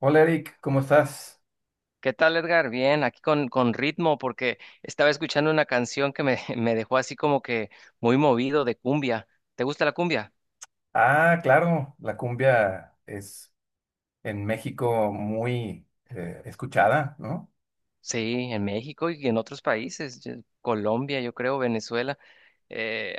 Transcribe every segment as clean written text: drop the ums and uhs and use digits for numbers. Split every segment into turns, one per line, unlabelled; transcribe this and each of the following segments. Hola Eric, ¿cómo estás?
¿Qué tal, Edgar? Bien, aquí con ritmo, porque estaba escuchando una canción que me dejó así como que muy movido de cumbia. ¿Te gusta la cumbia?
Ah, claro, la cumbia es en México muy escuchada, ¿no?
Sí, en México y en otros países, Colombia, yo creo, Venezuela. eh,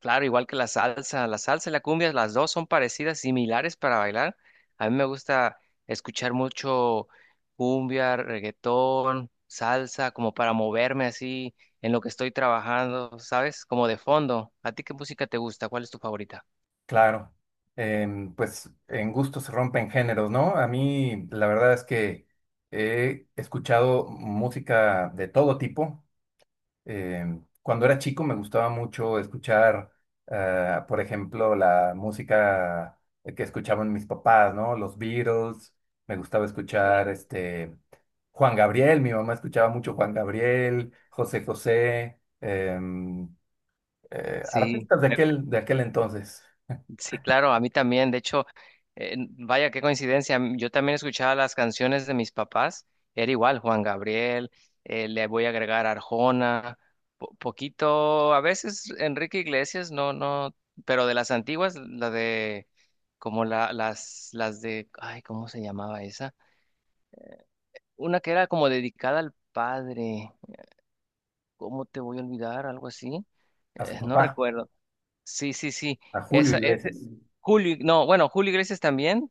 claro, igual que la salsa y la cumbia, las dos son parecidas, similares para bailar. A mí me gusta escuchar mucho cumbia, reggaetón, salsa, como para moverme así en lo que estoy trabajando, ¿sabes? Como de fondo. ¿A ti qué música te gusta? ¿Cuál es tu favorita?
Claro. Pues en gustos se rompen géneros, ¿no? A mí la verdad es que he escuchado música de todo tipo. Eh, Cuando era chico me gustaba mucho escuchar, por ejemplo, la música que escuchaban mis papás, ¿no? Los Beatles, me gustaba escuchar
Sí.
Juan Gabriel. Mi mamá escuchaba mucho Juan Gabriel, José José,
Sí.
artistas de aquel entonces,
Sí, claro, a mí también. De hecho, vaya, qué coincidencia. Yo también escuchaba las canciones de mis papás. Era igual, Juan Gabriel, le voy a agregar Arjona, poquito, a veces Enrique Iglesias, no, no, pero de las antiguas, la de, como la, las de, ay, ¿cómo se llamaba esa? Una que era como dedicada al padre. ¿Cómo te voy a olvidar? Algo así.
a su
No
papá,
recuerdo. Sí, sí, sí.
a Julio
Esa es
Iglesias,
Julio, no, bueno, Julio Iglesias también.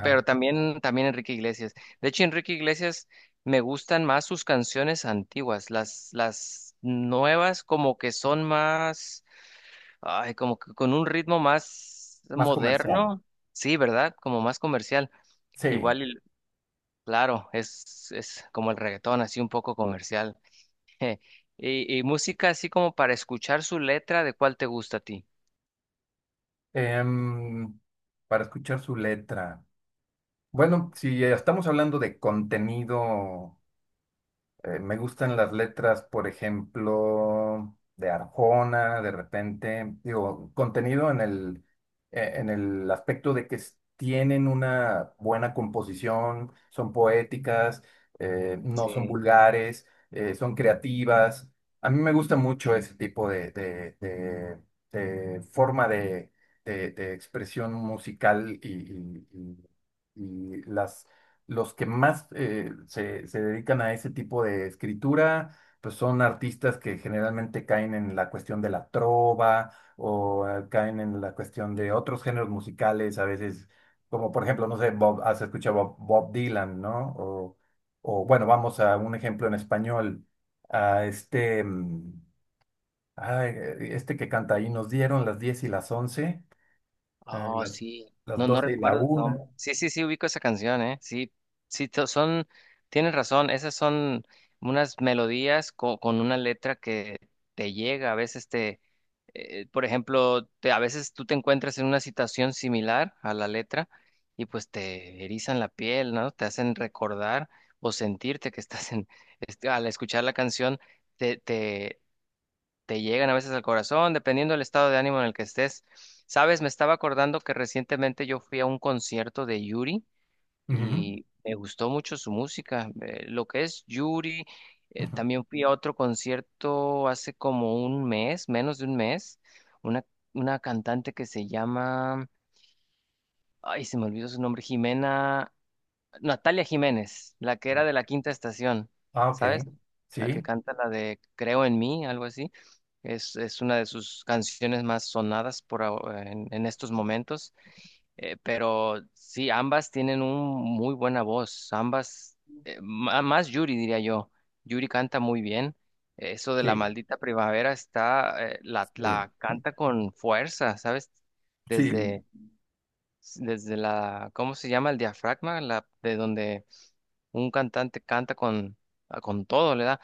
Pero también, también Enrique Iglesias. De hecho, Enrique Iglesias me gustan más sus canciones antiguas. Las nuevas como que son más, ay, como que con un ritmo más
más comercial,
moderno. Sí, ¿verdad? Como más comercial.
sí.
Igual, y- claro, es como el reggaetón, así un poco comercial. Y, y música así como para escuchar su letra, ¿de cuál te gusta a ti?
Em, para escuchar su letra. Bueno, si ya estamos hablando de contenido, me gustan las letras, por ejemplo, de Arjona. De repente, digo, contenido en el aspecto de que tienen una buena composición, son poéticas, no son
Sí.
vulgares, son creativas. A mí me gusta mucho ese tipo de forma de expresión musical y las los que más se dedican a ese tipo de escritura, pues son artistas que generalmente caen en la cuestión de la trova o caen en la cuestión de otros géneros musicales a veces, como por ejemplo, no sé, has escuchado Bob Dylan, ¿no? O bueno, vamos a un ejemplo en español, a este que canta ahí, nos dieron las 10 y las once, eh,
Oh,
las,
sí.
las
No, no
12 y la
recuerdo su
una.
nombre. Sí, sí, sí, ubico esa canción, ¿eh? Sí, sí, to- son, tienes razón, esas son unas melodías con una letra que te llega, a veces te, por ejemplo, te, a veces tú te encuentras en una situación similar a la letra y pues te erizan la piel, ¿no? Te hacen recordar o sentirte que estás en, este, al escuchar la canción, te, te te llegan a veces al corazón, dependiendo del estado de ánimo en el que estés. Sabes, me estaba acordando que recientemente yo fui a un concierto de Yuri
Ujú.
y me gustó mucho su música. Lo que es Yuri, también fui a otro concierto hace como un mes, menos de un mes, una, una cantante que se llama, ay, se me olvidó su nombre, Jimena Natalia Jiménez, la que era de la Quinta Estación,
Ah, ok.
¿sabes? La que
Sí.
canta la de Creo en mí, algo así. Es una de sus canciones más sonadas en estos momentos. Pero sí, ambas tienen un muy buena voz. Ambas, más Yuri, diría yo. Yuri canta muy bien. Eso de la
Sí,
maldita primavera está,
sí,
la canta con fuerza, ¿sabes?
sí,
Desde, Desde la, ¿cómo se llama? El diafragma, la, de donde un cantante canta con todo, le da.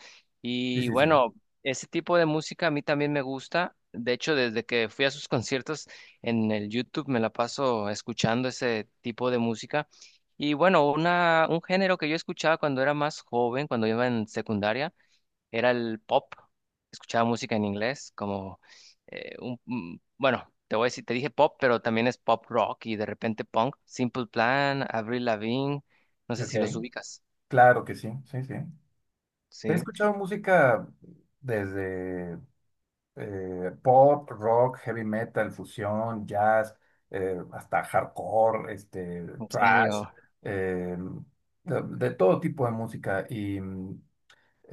sí,
Y
sí, sí.
bueno, ese tipo de música a mí también me gusta. De hecho, desde que fui a sus conciertos en el YouTube me la paso escuchando ese tipo de música. Y bueno, un género que yo escuchaba cuando era más joven, cuando iba en secundaria, era el pop. Escuchaba música en inglés, como bueno, te voy a decir, te dije pop, pero también es pop rock y de repente punk. Simple Plan, Avril Lavigne, no sé
Ok,
si los ubicas.
claro que sí, sí, sí. He
Sí,
escuchado música desde pop, rock, heavy metal, fusión, jazz, hasta hardcore,
en
thrash,
serio,
eh, de todo tipo de música. Y, mm,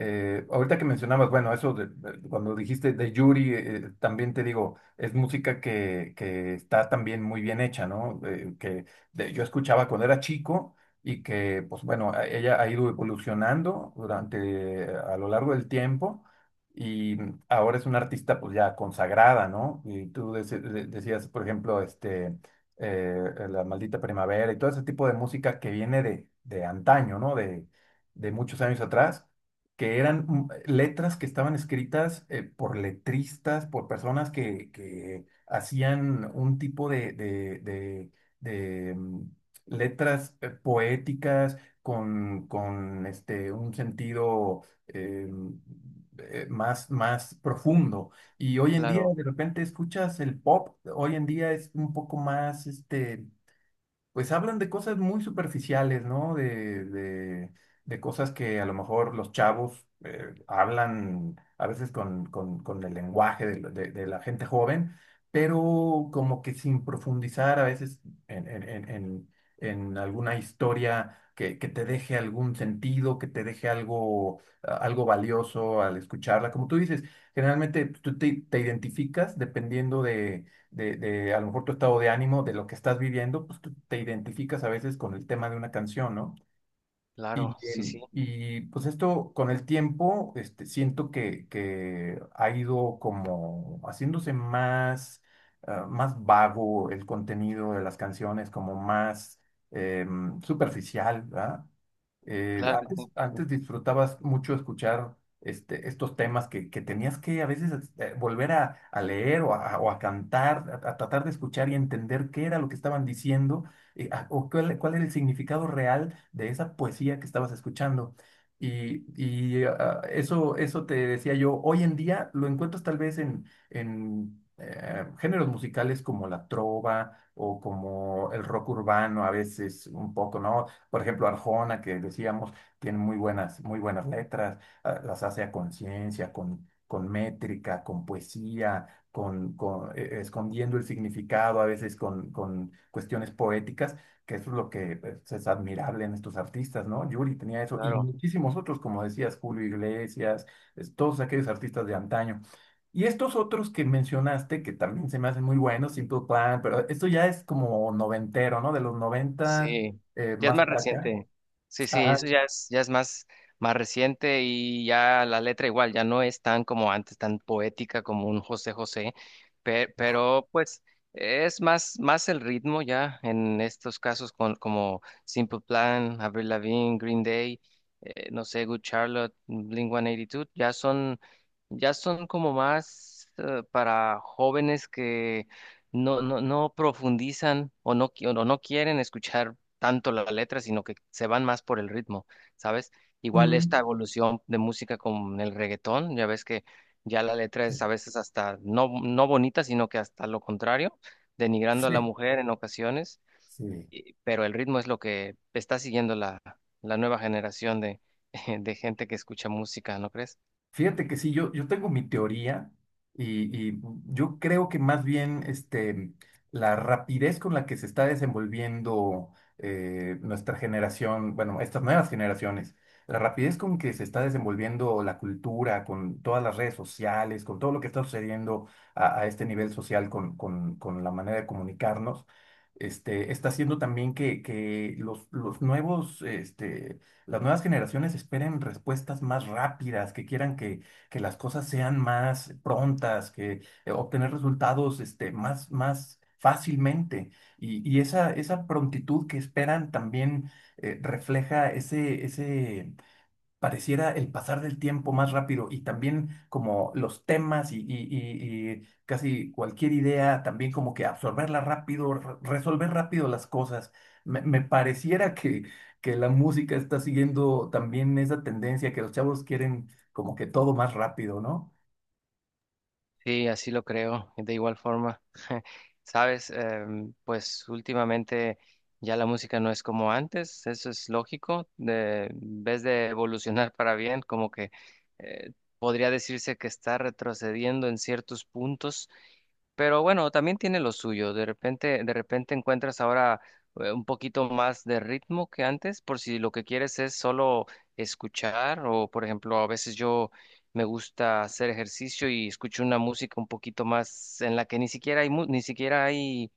Eh, Ahorita que mencionabas, bueno, eso cuando dijiste de Yuri, también te digo, es música que está también muy bien hecha, ¿no? Que yo escuchaba cuando era chico y que, pues bueno, ella ha ido evolucionando durante, a lo largo del tiempo, y ahora es una artista pues ya consagrada, ¿no? Y tú decías, por ejemplo, La Maldita Primavera y todo ese tipo de música que viene de antaño, ¿no? De muchos años atrás, que eran letras que estaban escritas por letristas, por personas que hacían un tipo de letras poéticas con un sentido más, más profundo. Y hoy en día
claro,
de repente escuchas el pop, hoy en día es un poco más pues hablan de cosas muy superficiales, ¿no? De cosas que a lo mejor los chavos hablan a veces con el lenguaje de de la gente joven, pero como que sin profundizar a veces en, en- en- en- en alguna historia que te deje algún sentido, que te deje algo valioso al escucharla. Como tú dices, generalmente pues tú te identificas dependiendo de a lo mejor tu estado de ánimo, de lo que estás viviendo. Pues tú te identificas a veces con el tema de una canción, ¿no?
claro,
Y,
sí, sí,
em, y pues esto con el tiempo, siento que ha ido como haciéndose más vago el contenido de las canciones, como más superficial, ¿verdad?
claro que sí,
Antes,
sí,
antes disfrutabas mucho escuchar estos temas que tenías que a veces volver a leer o a cantar, a tratar de escuchar y entender qué era lo que estaban diciendo, o cuál, cuál era el significado real de esa poesía que estabas escuchando. Y ah, eso te decía yo, hoy en día lo encuentras tal vez en géneros musicales como la trova o como el rock urbano a veces un poco, ¿no? Por ejemplo, Arjona, que decíamos, tiene muy buenas letras. Ah, las hace a conciencia, con métrica, con poesía, con, escondiendo el significado, a veces con cuestiones poéticas, que eso es lo que pues, es admirable en estos artistas, ¿no? Yuri tenía eso, y
claro.
muchísimos otros, como decías, Julio Iglesias, todos aquellos artistas de antaño. Y estos otros que mencionaste, que también se me hacen muy buenos, Simple Plan, pero esto ya es como noventero, ¿no? De los noventas,
Sí, ya es
más
más
para acá.
reciente. Sí, sí,
Ajá.
eso ya es más, más reciente y ya la letra igual, ya no es tan como antes, tan poética como un José José, pero, pues es más, más el ritmo ya en estos casos con, como Simple Plan, Avril Lavigne, Green Day, no sé, Good Charlotte, Blink-182, ya son como más para jóvenes que no profundizan o no quieren escuchar tanto la letra, sino que se van más por el ritmo, ¿sabes? Igual esta
Mm.
evolución de música con el reggaetón, ya ves que ya la letra es a veces hasta no, no bonita, sino que hasta lo contrario, denigrando a la
Sí,
mujer en ocasiones,
sí.
pero el ritmo es lo que está siguiendo la nueva generación de, de gente que escucha música, ¿no crees?
Fíjate que sí. Yo yo tengo mi teoría, y yo creo que más bien la rapidez con la que se está desenvolviendo nuestra generación, bueno, estas nuevas generaciones, la rapidez con que se está desenvolviendo la cultura, con todas las redes sociales, con todo lo que está sucediendo a este nivel social, con la manera de comunicarnos, está haciendo también que los nuevos, las nuevas generaciones esperen respuestas más rápidas, que quieran que las cosas sean más prontas, que obtener resultados más, más fácilmente. Y esa, esa prontitud que esperan también refleja ese, ese pareciera el pasar del tiempo más rápido, y también como los temas y casi cualquier idea, también como que absorberla rápido, resolver rápido las cosas. Me pareciera que la música está siguiendo también esa tendencia, que los chavos quieren como que todo más rápido, ¿no?
Sí, así lo creo, de igual forma. Sabes, pues últimamente ya la música no es como antes, eso es lógico. De, en vez de evolucionar para bien, como que eh, podría decirse que está retrocediendo en ciertos puntos. Pero bueno, también tiene lo suyo. De repente encuentras ahora un poquito más de ritmo que antes, por si lo que quieres es solo escuchar, o por ejemplo, a veces yo me gusta hacer ejercicio y escucho una música un poquito más en la que ni siquiera hay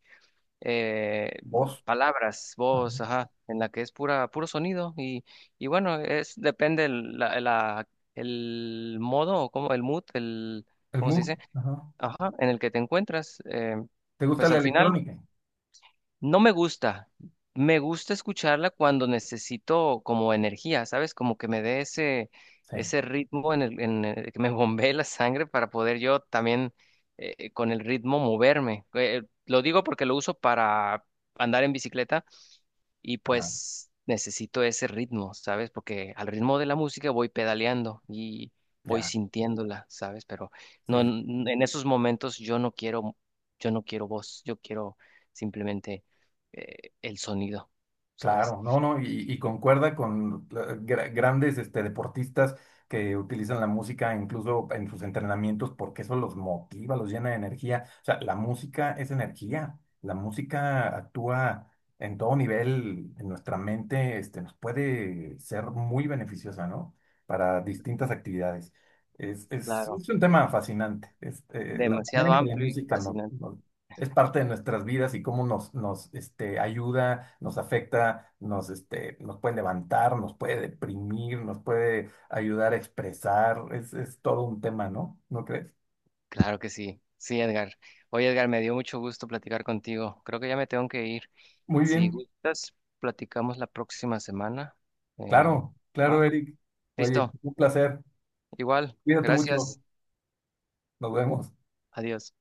eh,
Voz,
palabras,
ajá,
voz, ajá, en la que puro sonido. Y bueno, es depende el modo, como el mood, el,
el
¿cómo se
mood,
dice?
ajá.
Ajá, en el que te encuentras,
¿Te gusta
pues
la
al final
electrónica?
no me gusta. Me gusta escucharla cuando necesito como energía, ¿sabes? Como que me dé
Sí,
ese ritmo en el que me bombee la sangre para poder yo también con el ritmo moverme. Lo digo porque lo uso para andar en bicicleta y
ajá,
pues necesito ese ritmo, ¿sabes? Porque al ritmo de la música voy pedaleando y voy
ya.
sintiéndola, ¿sabes? Pero
Sí, sí,
no
sí.
en en esos momentos yo no quiero, yo no quiero voz, yo quiero simplemente el sonido, ¿sabes?
Claro, no, no, y concuerda con grandes deportistas que utilizan la música incluso en sus entrenamientos porque eso los motiva, los llena de energía. O sea, la música es energía, la música actúa en todo nivel en nuestra mente, nos puede ser muy beneficiosa, ¿no? Para distintas actividades.
Claro,
Es un tema fascinante, la manera
demasiado
en que la
amplio y
música nos,
fascinante.
nos es parte de nuestras vidas, y cómo nos, nos ayuda, nos afecta, nos, nos puede levantar, nos puede deprimir, nos puede ayudar a expresar. Es todo un tema, ¿no? ¿No crees?
Claro que sí. Sí, Edgar. Oye, Edgar, me dio mucho gusto platicar contigo. Creo que ya me tengo que ir.
Muy
Si
bien,
gustas, platicamos la próxima semana. Em,
claro, claro,
¿Va?
Eric. Oye,
Listo.
un placer.
Igual,
Cuídate mucho.
gracias.
Nos vemos.
Adiós.